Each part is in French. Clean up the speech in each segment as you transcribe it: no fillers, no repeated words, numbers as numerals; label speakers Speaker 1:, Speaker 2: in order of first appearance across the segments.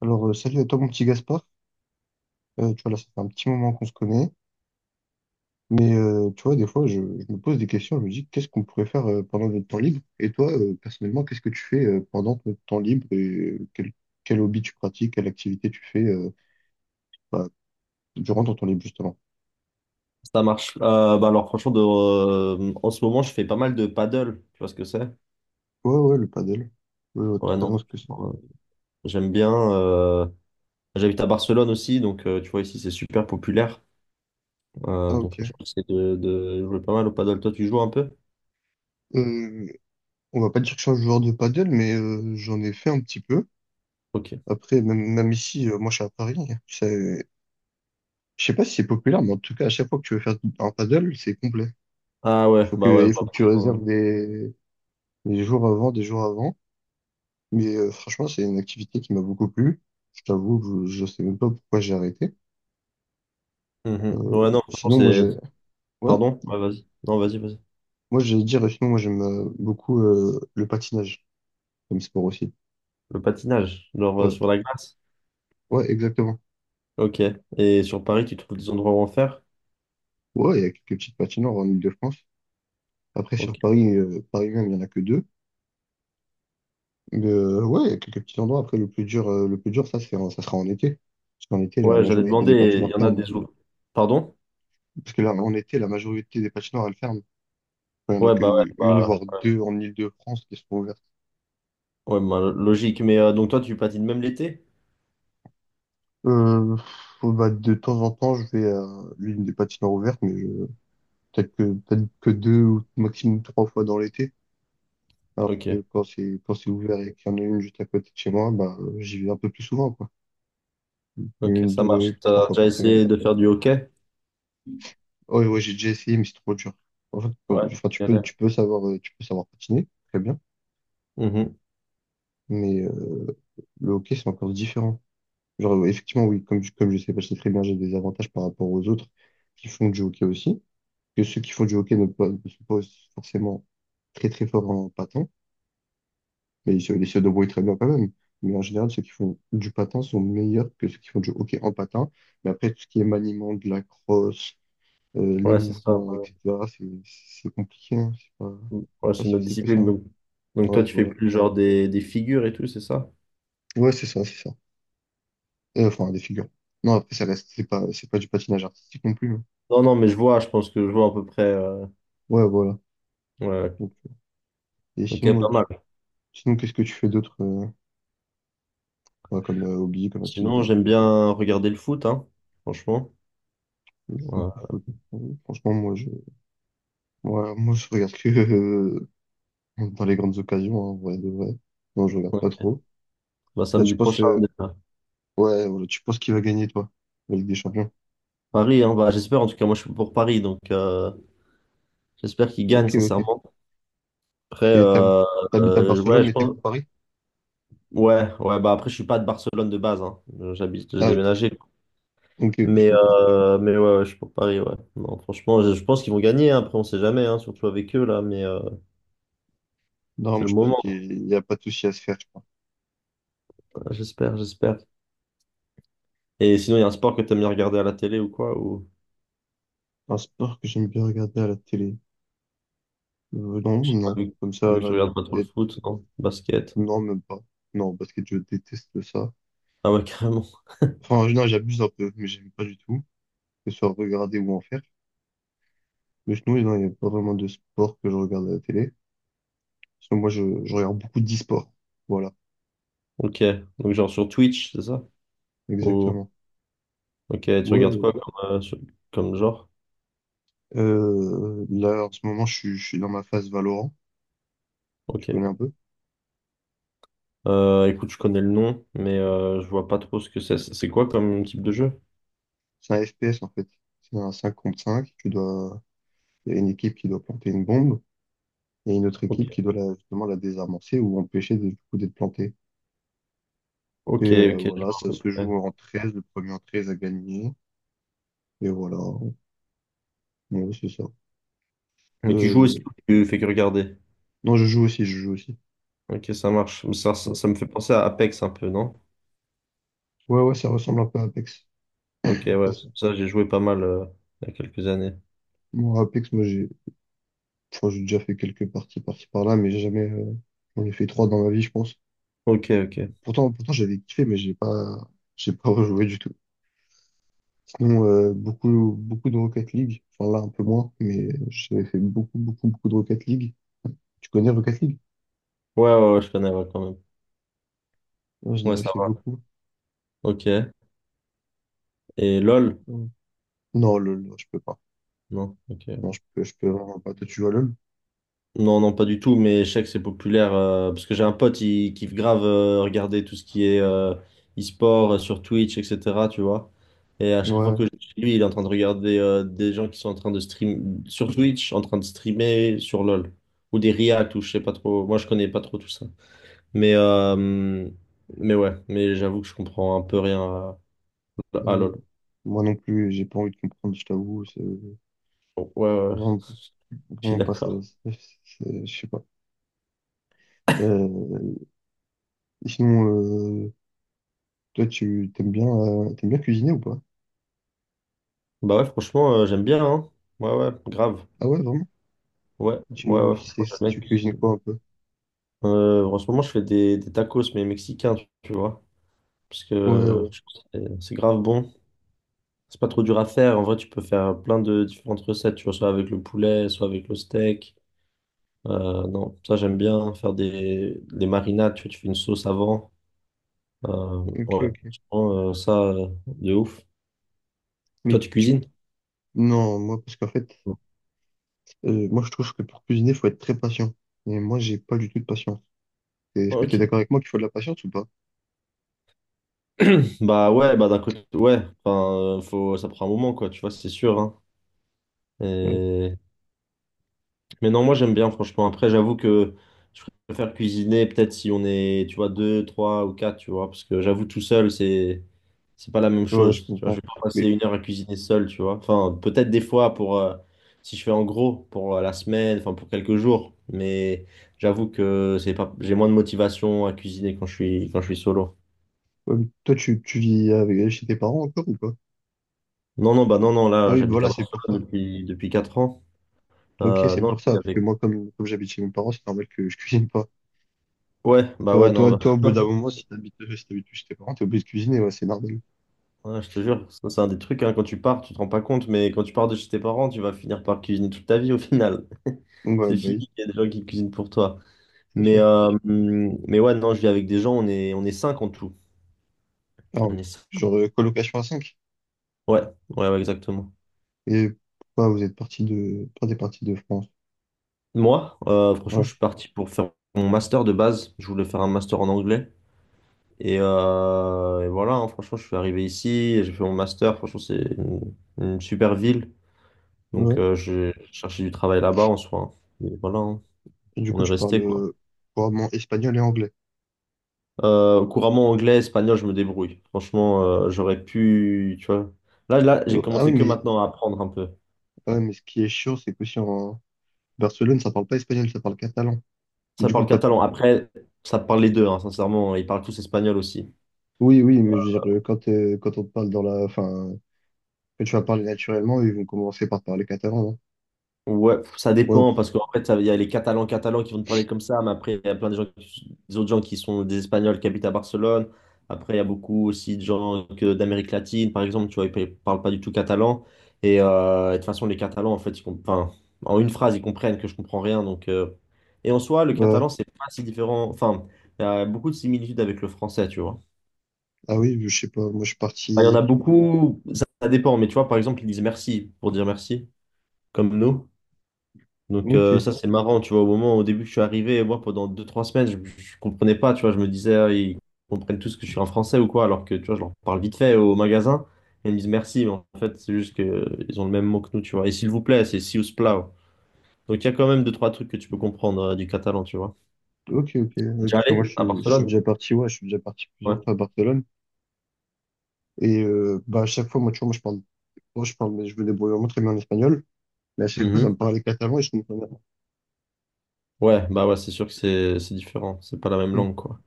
Speaker 1: Alors, salut à toi, mon petit Gaspard. Tu vois, là, ça fait un petit moment qu'on se connaît. Mais tu vois, des fois, je me pose des questions. Je me dis, qu'est-ce qu'on pourrait faire pendant notre temps libre? Et toi, personnellement, qu'est-ce que tu fais pendant notre temps libre et quel hobby tu pratiques, quelle activité tu fais bah, durant ton temps libre, justement?
Speaker 2: Ça marche. Bah alors franchement, en ce moment, je fais pas mal de paddle. Tu vois ce que c'est?
Speaker 1: Ouais, ouais, le paddle. Ouais, ouais,
Speaker 2: Ouais,
Speaker 1: totalement
Speaker 2: non.
Speaker 1: ce que c'est.
Speaker 2: Euh, J'aime bien. J'habite à Barcelone aussi, donc tu vois, ici, c'est super populaire.
Speaker 1: Ah,
Speaker 2: Donc,
Speaker 1: ok.
Speaker 2: j'essaie de jouer pas mal au paddle. Toi, tu joues un peu?
Speaker 1: Euh, on va pas dire que je suis un joueur de paddle, mais j'en ai fait un petit peu.
Speaker 2: Ok.
Speaker 1: Après, même ici, moi, je suis à Paris. Je sais pas si c'est populaire, mais en tout cas, à chaque fois que tu veux faire un paddle, c'est complet.
Speaker 2: Ah
Speaker 1: Il faut que,
Speaker 2: ouais,
Speaker 1: il
Speaker 2: bah,
Speaker 1: faut que tu
Speaker 2: franchement.
Speaker 1: réserves des jours avant, des jours avant. Mais franchement, c'est une activité qui m'a beaucoup plu. Je t'avoue, que je sais même pas pourquoi j'ai arrêté.
Speaker 2: Mhm.
Speaker 1: Euh,
Speaker 2: Ouais, non, franchement,
Speaker 1: sinon, moi, j'ai, ouais,
Speaker 2: Pardon? Ouais, vas-y. Non, vas-y.
Speaker 1: moi, j'allais dire, sinon, moi, j'aime beaucoup le patinage comme sport aussi.
Speaker 2: Le patinage, genre
Speaker 1: Ouais,
Speaker 2: sur la glace.
Speaker 1: ouais, exactement.
Speaker 2: Ok. Et sur Paris, tu trouves des endroits où en faire?
Speaker 1: Ouais, il y a quelques petites patinoires en Île-de-France. Après, sur
Speaker 2: Ok.
Speaker 1: Paris, Paris même, il y en a que deux. Mais ouais, il y a quelques petits endroits. Après, le plus dur, ça, ça sera en été. Parce qu'en été, la
Speaker 2: Ouais, j'allais
Speaker 1: majorité des
Speaker 2: demander, il
Speaker 1: patinoires
Speaker 2: y en a
Speaker 1: ferment.
Speaker 2: autres. Pardon?
Speaker 1: Parce que là, en été, la majorité des patinoires, elles ferment. Enfin, il n'y en a
Speaker 2: Ouais, bah ouais,
Speaker 1: qu'une,
Speaker 2: bah...
Speaker 1: voire deux en Île-de-France qui sont ouvertes.
Speaker 2: Ouais, bah, logique. Mais donc toi, tu patines même l'été?
Speaker 1: Euh, bah, de temps en temps, je vais à l'une des patinoires ouvertes, mais peut-être que deux ou maximum trois fois dans l'été. Alors que
Speaker 2: Ok,
Speaker 1: quand c'est ouvert et qu'il y en a une juste à côté de chez moi, bah, j'y vais un peu plus souvent, quoi.
Speaker 2: ok,
Speaker 1: Une,
Speaker 2: ça marche.
Speaker 1: deux, trois
Speaker 2: T'as
Speaker 1: fois
Speaker 2: déjà
Speaker 1: par semaine.
Speaker 2: essayé de faire du hockey?
Speaker 1: Ouais, ouais, j'ai déjà essayé, mais c'est trop dur. En fait,
Speaker 2: Ouais,
Speaker 1: enfin, tu peux,
Speaker 2: galère.
Speaker 1: tu peux savoir patiner, très bien,
Speaker 2: Mhm.
Speaker 1: mais le hockey, c'est encore différent. Genre, effectivement, oui, comme, comme je sais patiner très bien, j'ai des avantages par rapport aux autres qui font du hockey aussi. Que ceux qui font du hockey ne sont pas forcément très, très forts en patin, mais ils se débrouillent très bien quand même. Mais en général, ceux qui font du patin sont meilleurs que ceux qui font du hockey en patin. Mais après, tout ce qui est maniement, de la crosse, les
Speaker 2: Ouais, c'est ça.
Speaker 1: mouvements,
Speaker 2: Ouais,
Speaker 1: etc., c'est compliqué, hein. C'est pas,
Speaker 2: ouais,
Speaker 1: pas
Speaker 2: c'est
Speaker 1: si
Speaker 2: notre
Speaker 1: facile que ça,
Speaker 2: discipline.
Speaker 1: hein.
Speaker 2: Donc toi,
Speaker 1: Ouais,
Speaker 2: tu fais
Speaker 1: voilà.
Speaker 2: plus genre des figures et tout, c'est ça?
Speaker 1: Ouais, c'est ça, c'est ça. Enfin, des figures. Non, après, ça reste, c'est pas du patinage artistique non plus.
Speaker 2: Non, non, mais je vois, je pense que je vois à peu près.
Speaker 1: Ouais, voilà.
Speaker 2: Ouais,
Speaker 1: Donc, et
Speaker 2: ok,
Speaker 1: sinon,
Speaker 2: pas
Speaker 1: euh,
Speaker 2: mal.
Speaker 1: sinon, qu'est-ce que tu fais d'autre ouais, comme hobby, comme
Speaker 2: Sinon,
Speaker 1: activité?
Speaker 2: j'aime bien regarder le foot, hein, franchement.
Speaker 1: Le foot,
Speaker 2: Ouais,
Speaker 1: le foot. Euh, Franchement, moi, je regarde que dans les grandes occasions, hein, en vrai de vrai. Non, je regarde pas
Speaker 2: ok.
Speaker 1: trop.
Speaker 2: Bah,
Speaker 1: Là, tu
Speaker 2: samedi
Speaker 1: penses,
Speaker 2: prochain,
Speaker 1: euh,
Speaker 2: déjà.
Speaker 1: ouais, voilà, tu penses qui va gagner, toi, la Ligue des Champions?
Speaker 2: Paris, hein, bah, j'espère, en tout cas, moi, je suis pour Paris, donc j'espère qu'ils gagnent,
Speaker 1: Ok, ok.
Speaker 2: sincèrement. Après,
Speaker 1: Et t'hab-
Speaker 2: euh,
Speaker 1: T'habites à Barcelone,
Speaker 2: ouais, je
Speaker 1: mais t'es
Speaker 2: pense.
Speaker 1: pour Paris?
Speaker 2: Ouais, ouais, bah après, je suis pas de Barcelone de base, hein. J'habite, j'ai
Speaker 1: Ah, ok.
Speaker 2: déménagé.
Speaker 1: Ok, ok, je
Speaker 2: Mais,
Speaker 1: comprends.
Speaker 2: euh, mais ouais, ouais, je suis pour Paris, ouais. Non, franchement, je pense qu'ils vont gagner, hein. Après, on sait jamais, hein, surtout avec eux, là, mais
Speaker 1: Non,
Speaker 2: c'est
Speaker 1: moi,
Speaker 2: le
Speaker 1: je pense
Speaker 2: moment, hein.
Speaker 1: qu'il n'y a pas de souci à se faire.
Speaker 2: J'espère, j'espère. Et sinon, il y a un sport que t'aimes bien regarder à la télé ou quoi, ou
Speaker 1: Un sport que j'aime bien regarder à la télé. Non, non.
Speaker 2: vu,
Speaker 1: Comme ça,
Speaker 2: vu que tu
Speaker 1: là, de
Speaker 2: regardes pas trop le
Speaker 1: tête.
Speaker 2: foot, non? Basket.
Speaker 1: Non, même pas. Non, parce que je déteste ça.
Speaker 2: Ah ouais, carrément.
Speaker 1: Enfin, non, j'abuse un peu, mais j'aime pas du tout. Que ce soit regarder ou en faire. Mais sinon, non, il n'y a pas vraiment de sport que je regarde à la télé. Parce que moi, je regarde beaucoup d'e-sport. Voilà,
Speaker 2: Ok. Donc, genre sur Twitch, c'est ça? Ou,
Speaker 1: exactement.
Speaker 2: ok, tu
Speaker 1: Ouais,
Speaker 2: regardes quoi
Speaker 1: ouais.
Speaker 2: comme genre?
Speaker 1: Là, en ce moment, je suis dans ma phase Valorant. Tu
Speaker 2: Ok.
Speaker 1: connais un peu?
Speaker 2: Écoute, je connais le nom, mais je vois pas trop ce que c'est. C'est quoi comme type de jeu?
Speaker 1: C'est un FPS, en fait. C'est un 5 contre 5. Il y a une équipe qui doit planter une bombe. Il y a une autre
Speaker 2: Ok.
Speaker 1: équipe qui doit justement la désamorcer ou empêcher du coup d'être plantée. Et
Speaker 2: Ok, ok, je
Speaker 1: voilà,
Speaker 2: vois à
Speaker 1: ça
Speaker 2: peu
Speaker 1: se
Speaker 2: près.
Speaker 1: joue en 13, le premier en 13 a gagné. Et voilà, ouais, c'est ça.
Speaker 2: Mais tu joues
Speaker 1: Euh,
Speaker 2: aussi ou tu fais que regarder?
Speaker 1: Non, je joue aussi, je joue aussi.
Speaker 2: Ok, ça marche.
Speaker 1: Ouais,
Speaker 2: Ça me fait penser à Apex un peu, non?
Speaker 1: ouais, ouais, ça ressemble un peu à Apex.
Speaker 2: Ok, ouais,
Speaker 1: Après,
Speaker 2: ça j'ai joué pas mal il y a quelques années.
Speaker 1: moi, Apex, moi, j'ai enfin, j'ai déjà fait quelques parties par-ci par-là, mais j'ai jamais. J'en ai fait trois dans ma vie, je pense.
Speaker 2: Ok, ok. Ouais,
Speaker 1: Pourtant j'avais kiffé, mais j'ai pas rejoué du tout. Sinon, beaucoup, beaucoup de Rocket League. Enfin, là, un peu moins, mais j'avais fait beaucoup, beaucoup, beaucoup de Rocket League. Tu connais Rocket League?
Speaker 2: ouais, je connais, ouais, quand même.
Speaker 1: Non, j'en
Speaker 2: Ouais,
Speaker 1: avais
Speaker 2: ça
Speaker 1: fait
Speaker 2: va.
Speaker 1: beaucoup.
Speaker 2: Ok. Et LOL?
Speaker 1: Non, non, LOL, non, je peux pas.
Speaker 2: Non, ok.
Speaker 1: Non, je peux vraiment pas. Toi, tu joues à LOL?
Speaker 2: Non, non, pas du tout, mais je sais que c'est populaire parce que j'ai un pote, il kiffe grave regarder tout ce qui est e-sport sur Twitch, etc. Tu vois. Et à chaque fois que
Speaker 1: Ouais.
Speaker 2: je suis chez lui, il est en train de regarder des gens qui sont en train de stream sur Twitch, en train de streamer sur LoL ou des reacts ou je sais pas trop. Moi, je connais pas trop tout ça. Mais, euh, mais ouais, mais j'avoue que je comprends un peu rien à
Speaker 1: Euh,
Speaker 2: LoL.
Speaker 1: Moi non plus, j'ai pas envie de comprendre, je t'avoue. C'est
Speaker 2: Bon, ouais,
Speaker 1: vraiment,
Speaker 2: je suis
Speaker 1: vraiment pas ça.
Speaker 2: d'accord.
Speaker 1: c'est- Je sais pas. Euh, sinon, toi, t'aimes bien cuisiner ou pas?
Speaker 2: Bah ouais, franchement, j'aime bien, hein. Ouais, ouais, grave.
Speaker 1: Ah ouais, vraiment?
Speaker 2: Ouais,
Speaker 1: Tu,
Speaker 2: ouais, franchement,
Speaker 1: c'est,
Speaker 2: j'aime bien
Speaker 1: tu cuisines
Speaker 2: cuisiner.
Speaker 1: quoi un peu?
Speaker 2: En ce moment, je fais des tacos, mais mexicains, tu vois. Parce
Speaker 1: Ouais,
Speaker 2: que
Speaker 1: ouais.
Speaker 2: je trouve que c'est grave bon. C'est pas trop dur à faire. En vrai, tu peux faire plein de différentes recettes, tu vois, soit avec le poulet, soit avec le steak. Non, ça, j'aime bien faire des marinades, tu vois, tu fais une sauce avant. Euh,
Speaker 1: Ok,
Speaker 2: ouais,
Speaker 1: ok.
Speaker 2: Franchement, de ouf. Toi,
Speaker 1: Mais
Speaker 2: tu
Speaker 1: tu.
Speaker 2: cuisines?
Speaker 1: Non, moi, parce qu'en fait, moi, je trouve que pour cuisiner, faut être très patient. Et moi, j'ai pas du tout de patience. Et est-ce que tu es
Speaker 2: Ok.
Speaker 1: d'accord avec moi qu'il faut de la patience ou pas?
Speaker 2: Bah ouais, bah d'un côté, ouais, enfin, ça prend un moment, quoi, tu vois, c'est sûr, hein.
Speaker 1: Ouais,
Speaker 2: Et Mais non, moi j'aime bien franchement. Après, j'avoue que je préfère cuisiner peut-être si on est, tu vois, deux, trois ou quatre, tu vois, parce que j'avoue tout seul, c'est pas la même
Speaker 1: ouais, je
Speaker 2: chose. Tu vois, je
Speaker 1: comprends.
Speaker 2: vais pas passer
Speaker 1: Mais
Speaker 2: une heure à cuisiner seul, tu vois. Enfin, peut-être des fois pour si je fais en gros pour la semaine, enfin pour quelques jours, mais j'avoue que c'est pas j'ai moins de motivation à cuisiner quand je suis solo.
Speaker 1: ouais, mais toi, tu vis avec, chez tes parents encore ou pas?
Speaker 2: Non, non, bah non, non,
Speaker 1: Ah
Speaker 2: là
Speaker 1: oui,
Speaker 2: j'habite à
Speaker 1: voilà, c'est pour
Speaker 2: Barcelone
Speaker 1: ça.
Speaker 2: depuis 4 ans.
Speaker 1: Ok, c'est
Speaker 2: Non,
Speaker 1: pour ça.
Speaker 2: j'habite
Speaker 1: Parce que
Speaker 2: avec.
Speaker 1: moi, comme j'habite chez mes parents, c'est normal que je cuisine pas.
Speaker 2: Ouais, bah
Speaker 1: Toi,
Speaker 2: ouais,
Speaker 1: toi,
Speaker 2: non.
Speaker 1: toi, au bout d'un moment, si t'habites plus chez tes parents, t'es obligé de cuisiner, ouais, c'est normal.
Speaker 2: Ouais, je te jure, ça c'est un des trucs, hein, quand tu pars, tu te rends pas compte, mais quand tu pars de chez tes parents, tu vas finir par cuisiner toute ta vie au final.
Speaker 1: Donc, ouais,
Speaker 2: C'est
Speaker 1: bah oui,
Speaker 2: fini, il y a des gens qui cuisinent pour toi.
Speaker 1: c'est
Speaker 2: Mais,
Speaker 1: sûr.
Speaker 2: euh, mais ouais, non, je vis avec des gens, on est cinq en tout.
Speaker 1: Alors,
Speaker 2: On est cinq.
Speaker 1: genre, colocation à cinq.
Speaker 2: Ouais, ouais, exactement.
Speaker 1: Et pourquoi t'es parti de France?
Speaker 2: Moi, franchement, je
Speaker 1: Ouais,
Speaker 2: suis parti pour faire mon master de base. Je voulais faire un master en anglais. Et voilà, hein, franchement, je suis arrivé ici, et j'ai fait mon master. Franchement, une super ville. Donc,
Speaker 1: ouais.
Speaker 2: j'ai cherché du travail là-bas en soi, hein. Et voilà, hein.
Speaker 1: Et du
Speaker 2: On
Speaker 1: coup,
Speaker 2: est
Speaker 1: tu parles
Speaker 2: resté quoi.
Speaker 1: couramment espagnol et anglais.
Speaker 2: Couramment anglais, espagnol, je me débrouille. Franchement, j'aurais pu, tu vois. Là, j'ai
Speaker 1: Ah oui,
Speaker 2: commencé que
Speaker 1: mais,
Speaker 2: maintenant à apprendre un peu.
Speaker 1: ah ouais, mais ce qui est chiant, c'est que si en, Barcelone, ça parle pas espagnol, ça parle catalan. Mais
Speaker 2: Ça
Speaker 1: du coup,
Speaker 2: parle
Speaker 1: quand.
Speaker 2: catalan. Après, ça parle les deux, hein, sincèrement. Ils parlent tous espagnol aussi.
Speaker 1: Oui, oui, mais je veux dire, quand on te parle dans la, enfin, quand tu vas parler naturellement, ils vont commencer par parler catalan, non?
Speaker 2: Ouais, ça
Speaker 1: Ouais,
Speaker 2: dépend, parce qu'en fait, il y a les Catalans catalans qui vont te parler comme ça, mais après, il y a plein de gens, des autres gens qui sont des Espagnols qui habitent à Barcelone. Après, il y a beaucoup aussi d'Amérique latine, par exemple, tu vois, ils ne parlent pas du tout catalan. Et de toute façon, les Catalans, en fait, enfin, en une phrase, ils comprennent que je comprends rien. En soi, le
Speaker 1: ouais.
Speaker 2: catalan, c'est pas si différent. Enfin, il y a beaucoup de similitudes avec le français, tu vois.
Speaker 1: Ah oui, je sais pas, moi je suis
Speaker 2: Enfin, il y en a
Speaker 1: parti.
Speaker 2: beaucoup, ça dépend, mais tu vois, par exemple, ils disent merci pour dire merci, comme nous. Donc
Speaker 1: Ok,
Speaker 2: ça c'est marrant, tu vois, au début que je suis arrivé, moi pendant deux trois semaines, je comprenais pas, tu vois, je me disais ah, ils comprennent tous que je suis un Français ou quoi, alors que tu vois, je leur parle vite fait au magasin, et ils me disent merci, mais en fait c'est juste que ils ont le même mot que nous, tu vois. Et s'il vous plaît, c'est si us plau. Donc il y a quand même deux trois trucs que tu peux comprendre du catalan, tu vois.
Speaker 1: ok, ok.
Speaker 2: T'es
Speaker 1: Ouais,
Speaker 2: déjà
Speaker 1: parce que moi je,
Speaker 2: allé à
Speaker 1: suis- je suis
Speaker 2: Barcelone?
Speaker 1: déjà parti, ouais, je suis déjà parti plusieurs
Speaker 2: Ouais.
Speaker 1: fois à Barcelone. Et bah, à chaque fois, moi, tu vois, moi je parle. Moi, je parle, mais je me débrouille vraiment très bien en espagnol. Mais à chaque fois, ça
Speaker 2: Mhm.
Speaker 1: me parlait catalan et je comprenais pas.
Speaker 2: Ouais, bah ouais, c'est sûr que c'est différent, c'est pas la même
Speaker 1: Hmm.
Speaker 2: langue, quoi.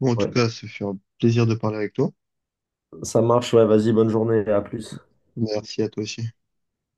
Speaker 1: Bon, en tout
Speaker 2: Ouais.
Speaker 1: cas, ça fait un plaisir de parler avec toi.
Speaker 2: Ça marche, ouais, vas-y, bonne journée, à plus.
Speaker 1: Merci à toi aussi.